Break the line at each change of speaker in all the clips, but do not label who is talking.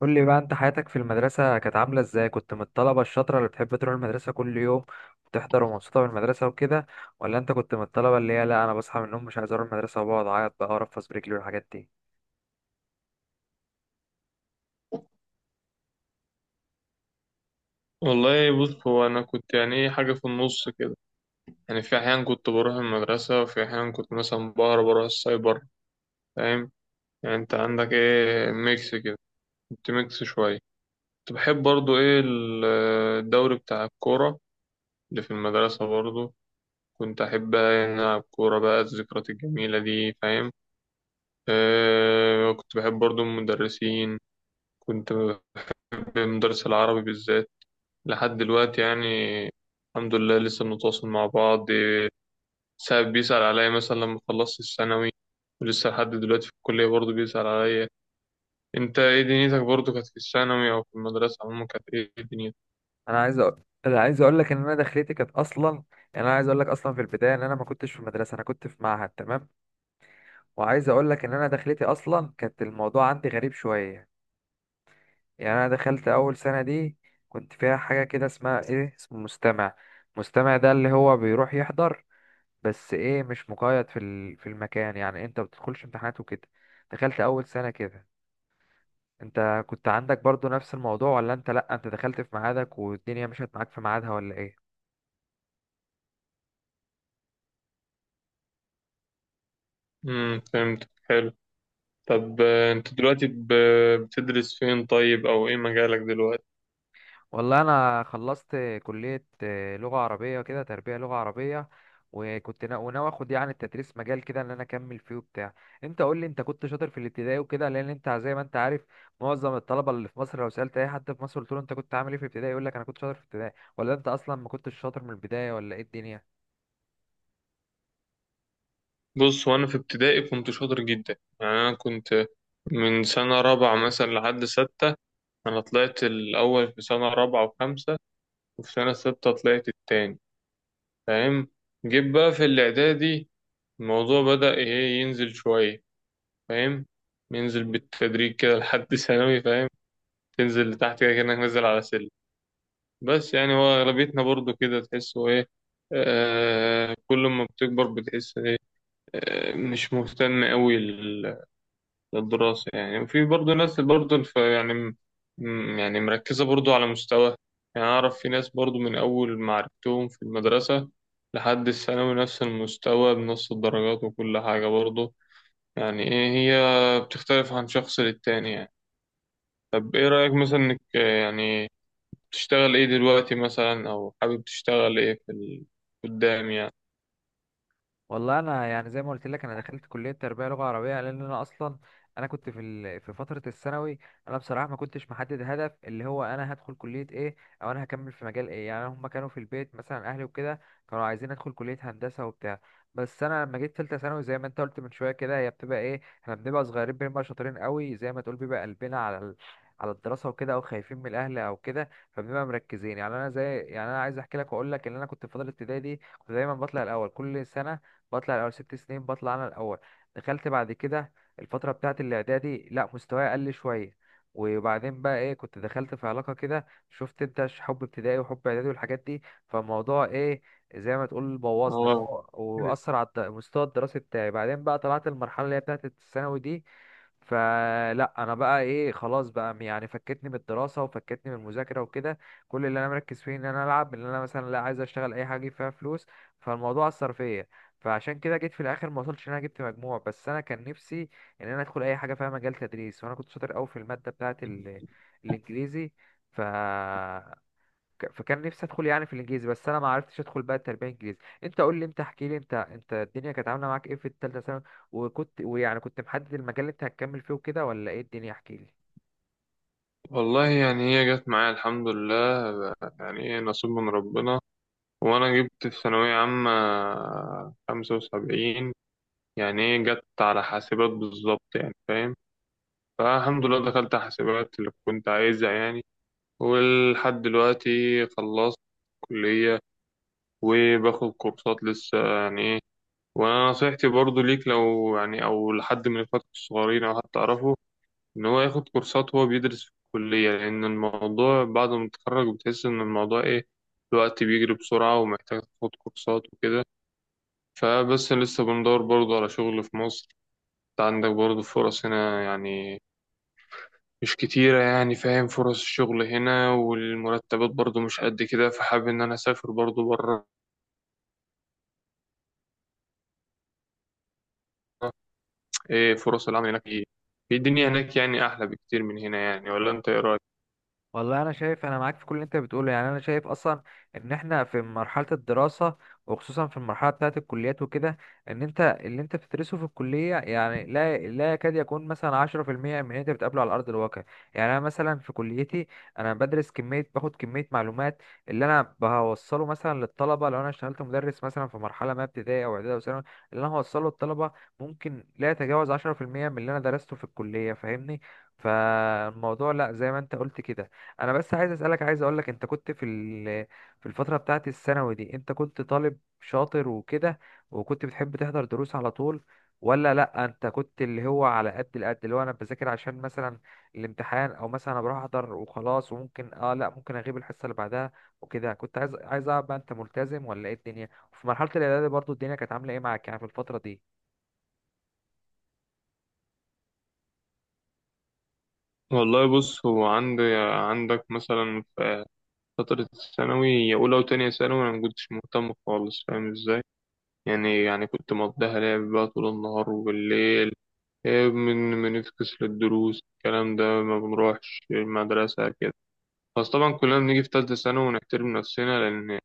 قول لي بقى، انت حياتك في المدرسة كانت عاملة ازاي؟ كنت من الطلبة الشاطرة اللي بتحب تروح المدرسة كل يوم وتحضر ومبسوطة بالمدرسة وكده، ولا انت كنت من الطلبة اللي هي لا، انا بصحى من النوم مش عايز اروح المدرسة وبقعد اعيط بقى وارفس برجلي والحاجات دي؟
والله بص، هو انا كنت يعني ايه، حاجه في النص كده. يعني في احيان كنت بروح المدرسه، وفي احيان كنت مثلا بهرب بروح السايبر، فاهم؟ يعني انت عندك ايه، ميكس كده، كنت ميكس شويه. كنت بحب برضو ايه الدوري بتاع الكوره اللي في المدرسه برضو. كنت احب العب كوره. بقى الذكريات الجميله دي، فاهم؟ أه، كنت بحب برضو المدرسين. كنت بمدرس العربي بالذات لحد دلوقتي يعني. الحمد لله لسه بنتواصل مع بعض. ساعات بيسأل عليا، مثلا لما خلصت الثانوي، ولسه لحد دلوقتي في الكلية برضه بيسأل عليا. انت ايه دنيتك برضه؟ كانت في الثانوي او في المدرسة عموما، كانت ايه دنيتك؟
انا عايز اقول لك ان انا دخلتي كانت اصلا، يعني انا عايز اقول لك اصلا في البداية ان انا ما كنتش في مدرسة، انا كنت في معهد. تمام، وعايز اقول لك ان انا دخلتي اصلا كانت الموضوع عندي غريب شوية. يعني انا دخلت اول سنة دي كنت فيها حاجة كده اسمها ايه، اسمه مستمع. مستمع ده اللي هو بيروح يحضر، بس ايه، مش مقيد في المكان، يعني انت بتدخلش امتحانات وكده. دخلت اول سنة كده. انت كنت عندك برضو نفس الموضوع، ولا انت لا، انت دخلت في ميعادك والدنيا مشيت معاك في ميعادها، ولا ايه؟
فهمت، حلو. طب انت دلوقتي بتدرس فين طيب؟ او ايه مجالك دلوقتي؟
والله انا خلصت كليه آه، لغه عربيه كده، تربيه لغه عربيه. وكنت وناوي اخد يعني التدريس مجال كده، ان انا اكمل فيه وبتاع. انت قول لي، انت كنت شاطر في الابتدائي وكده؟ لان انت زي ما انت عارف، معظم الطلبه اللي في مصر لو سالت اي حد في مصر قلت له انت كنت عامل ايه في الابتدائي يقول لك انا كنت شاطر في الابتدائي. ولا انت اصلا ما كنتش شاطر من البدايه، ولا ايه الدنيا؟
بص، وانا في ابتدائي كنت شاطر جدا، يعني انا كنت من سنة رابعة مثلا لحد ستة. انا طلعت الاول في سنة رابعة وخمسة، وفي سنة ستة طلعت التاني، فاهم؟ جيت بقى في الاعدادي، الموضوع بدأ ايه ينزل شوية، فاهم؟ ينزل بالتدريج كده لحد ثانوي، فاهم؟ تنزل لتحت كده كأنك نازل على سلم. بس يعني هو اغلبيتنا برضو كده، تحسه ايه؟ آه، كل ما بتكبر بتحس ايه؟ آه، مش مهتم قوي للدراسة يعني. وفي برضه ناس برضه يعني يعني مركزة برضه على مستوى. يعني أعرف في ناس برضه، من أول ما عرفتهم في المدرسة لحد الثانوي، نفس المستوى بنفس الدرجات وكل حاجة برضه. يعني إيه، هي بتختلف عن شخص للتاني يعني. طب إيه رأيك مثلا إنك يعني بتشتغل إيه دلوقتي مثلا، أو حابب تشتغل إيه في قدام يعني؟
والله انا يعني زي ما قلت لك انا دخلت كليه تربيه لغه عربيه، لان انا اصلا انا كنت في فتره الثانوي. انا بصراحه ما كنتش محدد هدف، اللي هو انا هدخل كليه ايه او انا هكمل في مجال ايه. يعني هم كانوا في البيت مثلا، اهلي وكده، كانوا عايزين ادخل كليه هندسه وبتاع. بس انا لما جيت ثالثه ثانوي، زي ما انت قلت من شويه كده، هي بتبقى ايه، احنا بنبقى صغيرين بنبقى شاطرين قوي، زي ما تقول بيبقى قلبنا على ال... على الدراسه وكده، او خايفين من الاهل او كده، فبنبقى مركزين. يعني انا زي، يعني انا عايز احكي لك واقول لك ان انا كنت في فتره ابتدائي دي كنت دايما بطلع الاول كل سنه، بطلع الاول ست سنين بطلع انا الاول. دخلت بعد كده الفتره بتاعه الاعدادي، لا، مستواي قل شويه. وبعدين بقى ايه، كنت دخلت في علاقه كده، شفت، انت حب ابتدائي وحب اعدادي والحاجات دي، فالموضوع ايه، زي ما تقول، بوظني
اه
واثر على المستوى الدراسي بتاعي. بعدين بقى طلعت المرحله اللي هي بتاعه الثانوي دي، فلا، انا بقى ايه، خلاص بقى يعني، فكتني من الدراسه وفكتني من المذاكره وكده. كل اللي انا مركز فيه ان انا العب، ان انا مثلا لا، عايز اشتغل اي حاجه فيها فلوس. فالموضوع اثر فيا، فعشان كده جيت في الاخر ما وصلتش ان انا جبت مجموع، بس انا كان نفسي ان انا ادخل اي حاجه فيها مجال تدريس. وانا كنت شاطر قوي في الماده بتاعه ال... الانجليزي. ف... فكان نفسي ادخل يعني في الانجليزي، بس انا ما عرفتش ادخل بقى التربيه الانجليزي. انت قول لي، انت احكي لي، انت الدنيا كانت عامله معاك ايه في الثالثه ثانوي؟ وكنت، ويعني كنت محدد المجال اللي انت هتكمل فيه وكده، ولا ايه الدنيا؟ احكي لي.
والله، يعني هي جت معايا الحمد لله، يعني إيه نصيب من ربنا. وأنا جبت في ثانوية عامة 75، يعني إيه، جت على حاسبات بالظبط، يعني فاهم؟ فالحمد لله دخلت حاسبات اللي كنت عايزها يعني. ولحد دلوقتي خلصت كلية وباخد كورسات لسه، يعني إيه. وأنا نصيحتي برضو ليك، لو يعني أو لحد من إخواتك الصغيرين أو حد تعرفه، إن هو ياخد كورسات وهو بيدرس في الكلية. لأن الموضوع بعد ما تتخرج بتحس إن الموضوع إيه، الوقت بيجري بسرعة ومحتاج تاخد كورسات وكده. فبس لسه بندور برضه على شغل في مصر. انت عندك برضه فرص هنا يعني، مش كتيرة يعني، فاهم؟ فرص الشغل هنا والمرتبات برضه مش قد كده، فحابب إن أنا أسافر برضه بره. إيه فرص العمل هناك؟ إيه في الدنيا هناك؟ يعني أحلى بكتير من هنا يعني، ولا أنت إيه رأيك؟
والله انا شايف، انا معاك في كل اللي انت بتقوله. يعني انا شايف اصلا ان احنا في مرحله الدراسه، وخصوصا في المرحله بتاعه الكليات وكده، ان انت اللي انت بتدرسه في الكليه يعني لا يكاد يكون مثلا 10% من اللي انت بتقابله على ارض الواقع. يعني انا مثلا في كليتي انا بدرس كميه، باخد كميه معلومات، اللي انا بوصله مثلا للطلبه لو انا اشتغلت مدرس مثلا في مرحله ما، ابتدائي او اعدادي او ثانوي، اللي انا هوصله للطلبه ممكن لا يتجاوز 10% من اللي انا درسته في الكليه، فاهمني؟ فالموضوع لا، زي ما انت قلت كده. انا بس عايز اسالك، عايز اقول لك، انت كنت في ال-، في الفتره بتاعه الثانوي دي، انت كنت طالب شاطر وكده، وكنت بتحب تحضر دروس على طول، ولا لا، انت كنت اللي هو على قد القد، اللي هو انا بذاكر عشان مثلا الامتحان، او مثلا انا بروح احضر وخلاص، وممكن اه، لا، ممكن اغيب الحصه اللي بعدها وكده؟ كنت عايز، عايز اعرف بقى، انت ملتزم ولا ايه الدنيا؟ وفي مرحله الاعدادي برضو الدنيا كانت عامله ايه معاك، يعني في الفتره دي؟
والله بص، هو عندك مثلا في فترة الثانوي أولى وتانية ثانوي، أنا مكنتش مهتم خالص، فاهم إزاي؟ يعني كنت مقضيها لعب بقى طول النهار وبالليل، من بنفكس للدروس الكلام ده، ما بنروحش المدرسة كده. بس طبعا كلنا بنيجي في تالتة ثانوي ونحترم نفسنا، لأن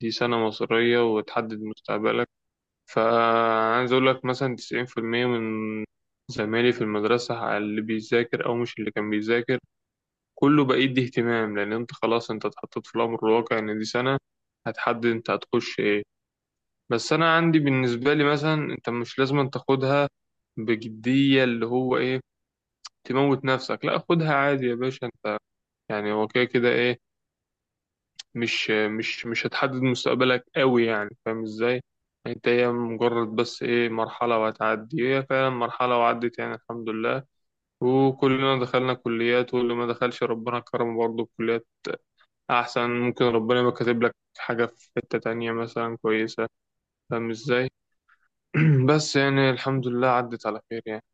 دي سنة مصيرية وتحدد مستقبلك. فعايز أقول لك مثلا، 90% من زمايلي في المدرسة، على اللي بيذاكر أو مش اللي كان بيذاكر، كله بقى يدي اهتمام. لأن أنت خلاص، أنت اتحطيت في الأمر الواقع، إن دي سنة هتحدد أنت هتخش إيه. بس أنا عندي بالنسبة لي مثلا، أنت مش لازم تاخدها بجدية اللي هو ايه، تموت نفسك. لا، خدها عادي يا باشا انت، يعني هو كده كده ايه، مش هتحدد مستقبلك قوي يعني، فاهم ازاي؟ انت هي مجرد بس ايه، مرحلة وهتعدي، هي فعلا مرحلة وعدت يعني الحمد لله. وكلنا دخلنا كليات، واللي ما دخلش ربنا كرمه برضه بكليات احسن. ممكن ربنا يبقى كاتب لك حاجة في حتة تانية مثلا كويسة، فاهم ازاي؟ بس يعني الحمد لله عدت على خير يعني.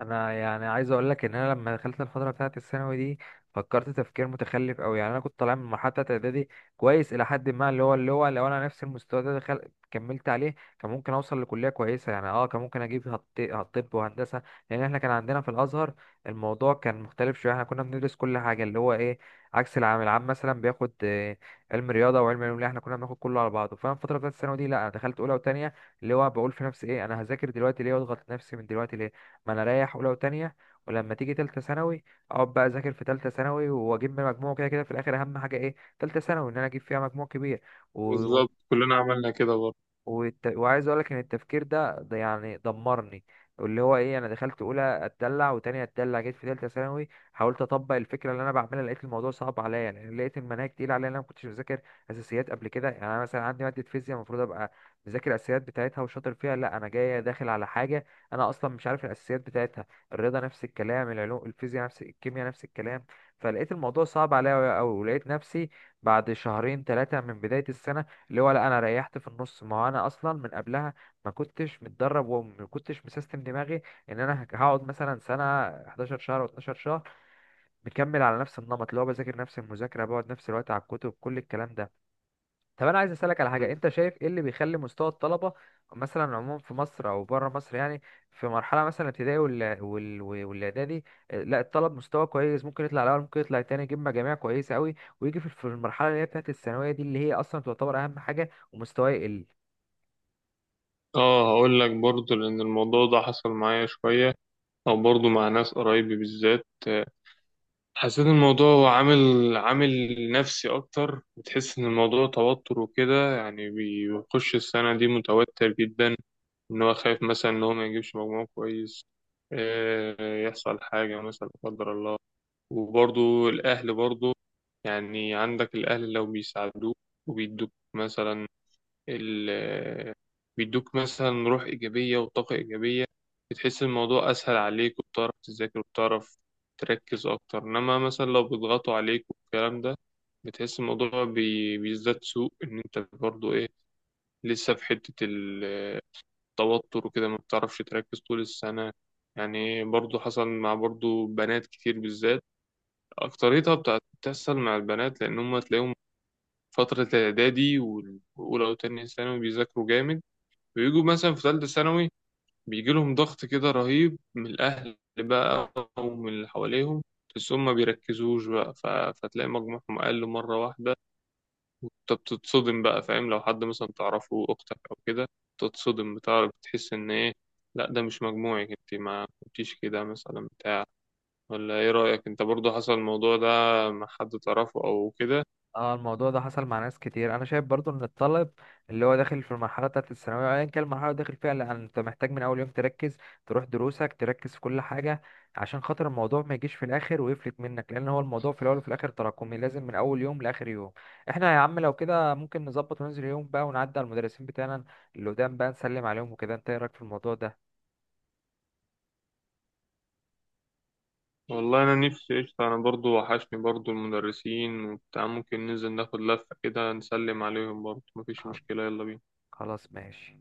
انا يعني عايز اقول لك ان انا لما دخلت الفتره بتاعه الثانوي دي فكرت تفكير متخلف قوي. يعني انا كنت طالع من المرحله بتاعه اعدادي كويس الى حد ما، اللي هو، اللي هو لو انا نفس المستوى ده دخل كملت عليه، كان ممكن اوصل لكليه كويسه، يعني اه، كان ممكن اجيب هتطب وهندسه. لان احنا كان عندنا في الازهر الموضوع كان مختلف شويه، احنا كنا بندرس كل حاجه، اللي هو ايه، عكس العام. العام مثلا بياخد آه، علم رياضه وعلم علوم، لا، احنا كنا بناخد كله على بعضه. فانا الفتره بتاعه الثانوي دي لا، انا دخلت اولى وثانيه، اللي هو بقول في نفسي ايه، انا هذاكر دلوقتي ليه واضغط نفسي من دلوقتي ليه، ما انا اريح اولى وتانية، ولما تيجي تالتة ثانوي اقعد بقى اذاكر في تالتة ثانوي واجيب من مجموع، كده كده في الاخر اهم حاجة ايه، تالتة ثانوي ان انا اجيب فيها مجموع كبير. و-
بالظبط، كلنا عملنا كده
وعايز اقول لك ان التفكير ده يعني دمرني، اللي هو ايه، انا دخلت اولى اتدلع، وتانية اتدلع، جيت في تالتة ثانوي حاولت اطبق الفكره اللي انا بعملها، لقيت الموضوع صعب عليا. يعني لقيت المناهج تقيله عليا، انا ما كنتش مذاكر اساسيات قبل كده. يعني انا مثلا عندي ماده فيزياء المفروض ابقى مذاكر الاساسيات بتاعتها وشاطر فيها، لا، انا جاي داخل على حاجه انا اصلا مش عارف الاساسيات بتاعتها. الرياضه نفس الكلام، العلوم الفيزياء نفس، الكيمياء نفس الكلام. فلقيت الموضوع صعب عليا قوي، ولقيت نفسي بعد شهرين ثلاثه من بدايه السنه، اللي هو لا، انا ريحت في النص. ما هو انا اصلا من قبلها ما كنتش متدرب، وما كنتش مسيستم دماغي ان انا هقعد مثلا سنه، 11 شهر و12 شهر مكمل على نفس النمط، اللي هو بذاكر نفس المذاكره، بقعد نفس الوقت على الكتب، كل الكلام ده. طب انا عايز اسالك على حاجه،
برضه.
انت شايف ايه اللي بيخلي مستوى الطلبه مثلا عموما في مصر او بره مصر، يعني في مرحله مثلا الابتدائي والاعدادي آه، لا الطلب مستوى كويس، ممكن يطلع الاول ممكن يطلع التاني، يجيب مجاميع كويسه قوي، ويجي في المرحله اللي هي بتاعت الثانويه دي، اللي هي اصلا تعتبر اهم حاجه، ومستواه يقل؟
اه، هقول لك برضه. لان الموضوع ده حصل معايا شويه، او برضه مع ناس قرايبي بالذات. حسيت الموضوع هو عامل نفسي اكتر. بتحس ان الموضوع توتر وكده يعني، بيخش السنه دي متوتر جدا، ان هو خايف مثلا ان هو ما يجيبش مجموع كويس، يحصل حاجه مثلا لا قدر الله. وبرضه الاهل برضه، يعني عندك الاهل لو بيساعدوك وبيدوك مثلا ال- آه، بيدوك مثلا روح إيجابية وطاقة إيجابية، بتحس الموضوع أسهل عليك، وبتعرف تذاكر وبتعرف تركز أكتر. إنما مثلا لو بيضغطوا عليك والكلام ده، بتحس الموضوع بيزداد سوء، إن أنت برضو إيه، لسه في حتة التوتر وكده، ما بتعرفش تركز طول السنة. يعني برضو حصل مع برضو بنات كتير بالذات، أكتريتها بتحصل مع البنات، لأن هم تلاقيهم فترة الإعدادي وأولى وتانية ثانوي بيذاكروا جامد. بيجوا مثلا في ثالثة ثانوي، بيجي لهم ضغط كده رهيب من الأهل بقى ومن اللي حواليهم، بس هم ما بيركزوش بقى. فتلاقي مجموعهم أقل مرة واحدة، وأنت بتتصدم بقى، فاهم؟ لو حد مثلا تعرفه، أختك أو كده، تتصدم، بتعرف، بتحس إن إيه، لا ده مش مجموعك أنت، ما كنتيش كده مثلا بتاع. ولا إيه رأيك؟ أنت برضو حصل الموضوع ده مع حد تعرفه أو كده؟
اه، الموضوع ده حصل مع ناس كتير. انا شايف برضو ان الطالب اللي هو داخل في المرحله بتاعه الثانويه، ايا كان المرحله اللي داخل فيها، لأ، انت محتاج من اول يوم تركز، تروح دروسك، تركز في كل حاجه، عشان خاطر الموضوع ما يجيش في الاخر ويفلت منك. لان هو الموضوع في الاول وفي الاخر تراكمي، لازم من اول يوم لاخر يوم. احنا يا عم لو كده ممكن نظبط وننزل يوم بقى، ونعدي على المدرسين بتاعنا اللي قدام بقى، نسلم عليهم وكده. انت ايه رايك في الموضوع ده؟
والله انا نفسي قشطة. انا برضو وحشني برضو المدرسين وبتاع، ممكن ننزل ناخد لفة كده نسلم عليهم برضو، مفيش
خل-
مشكلة، يلا بينا.
خلاص ماشي.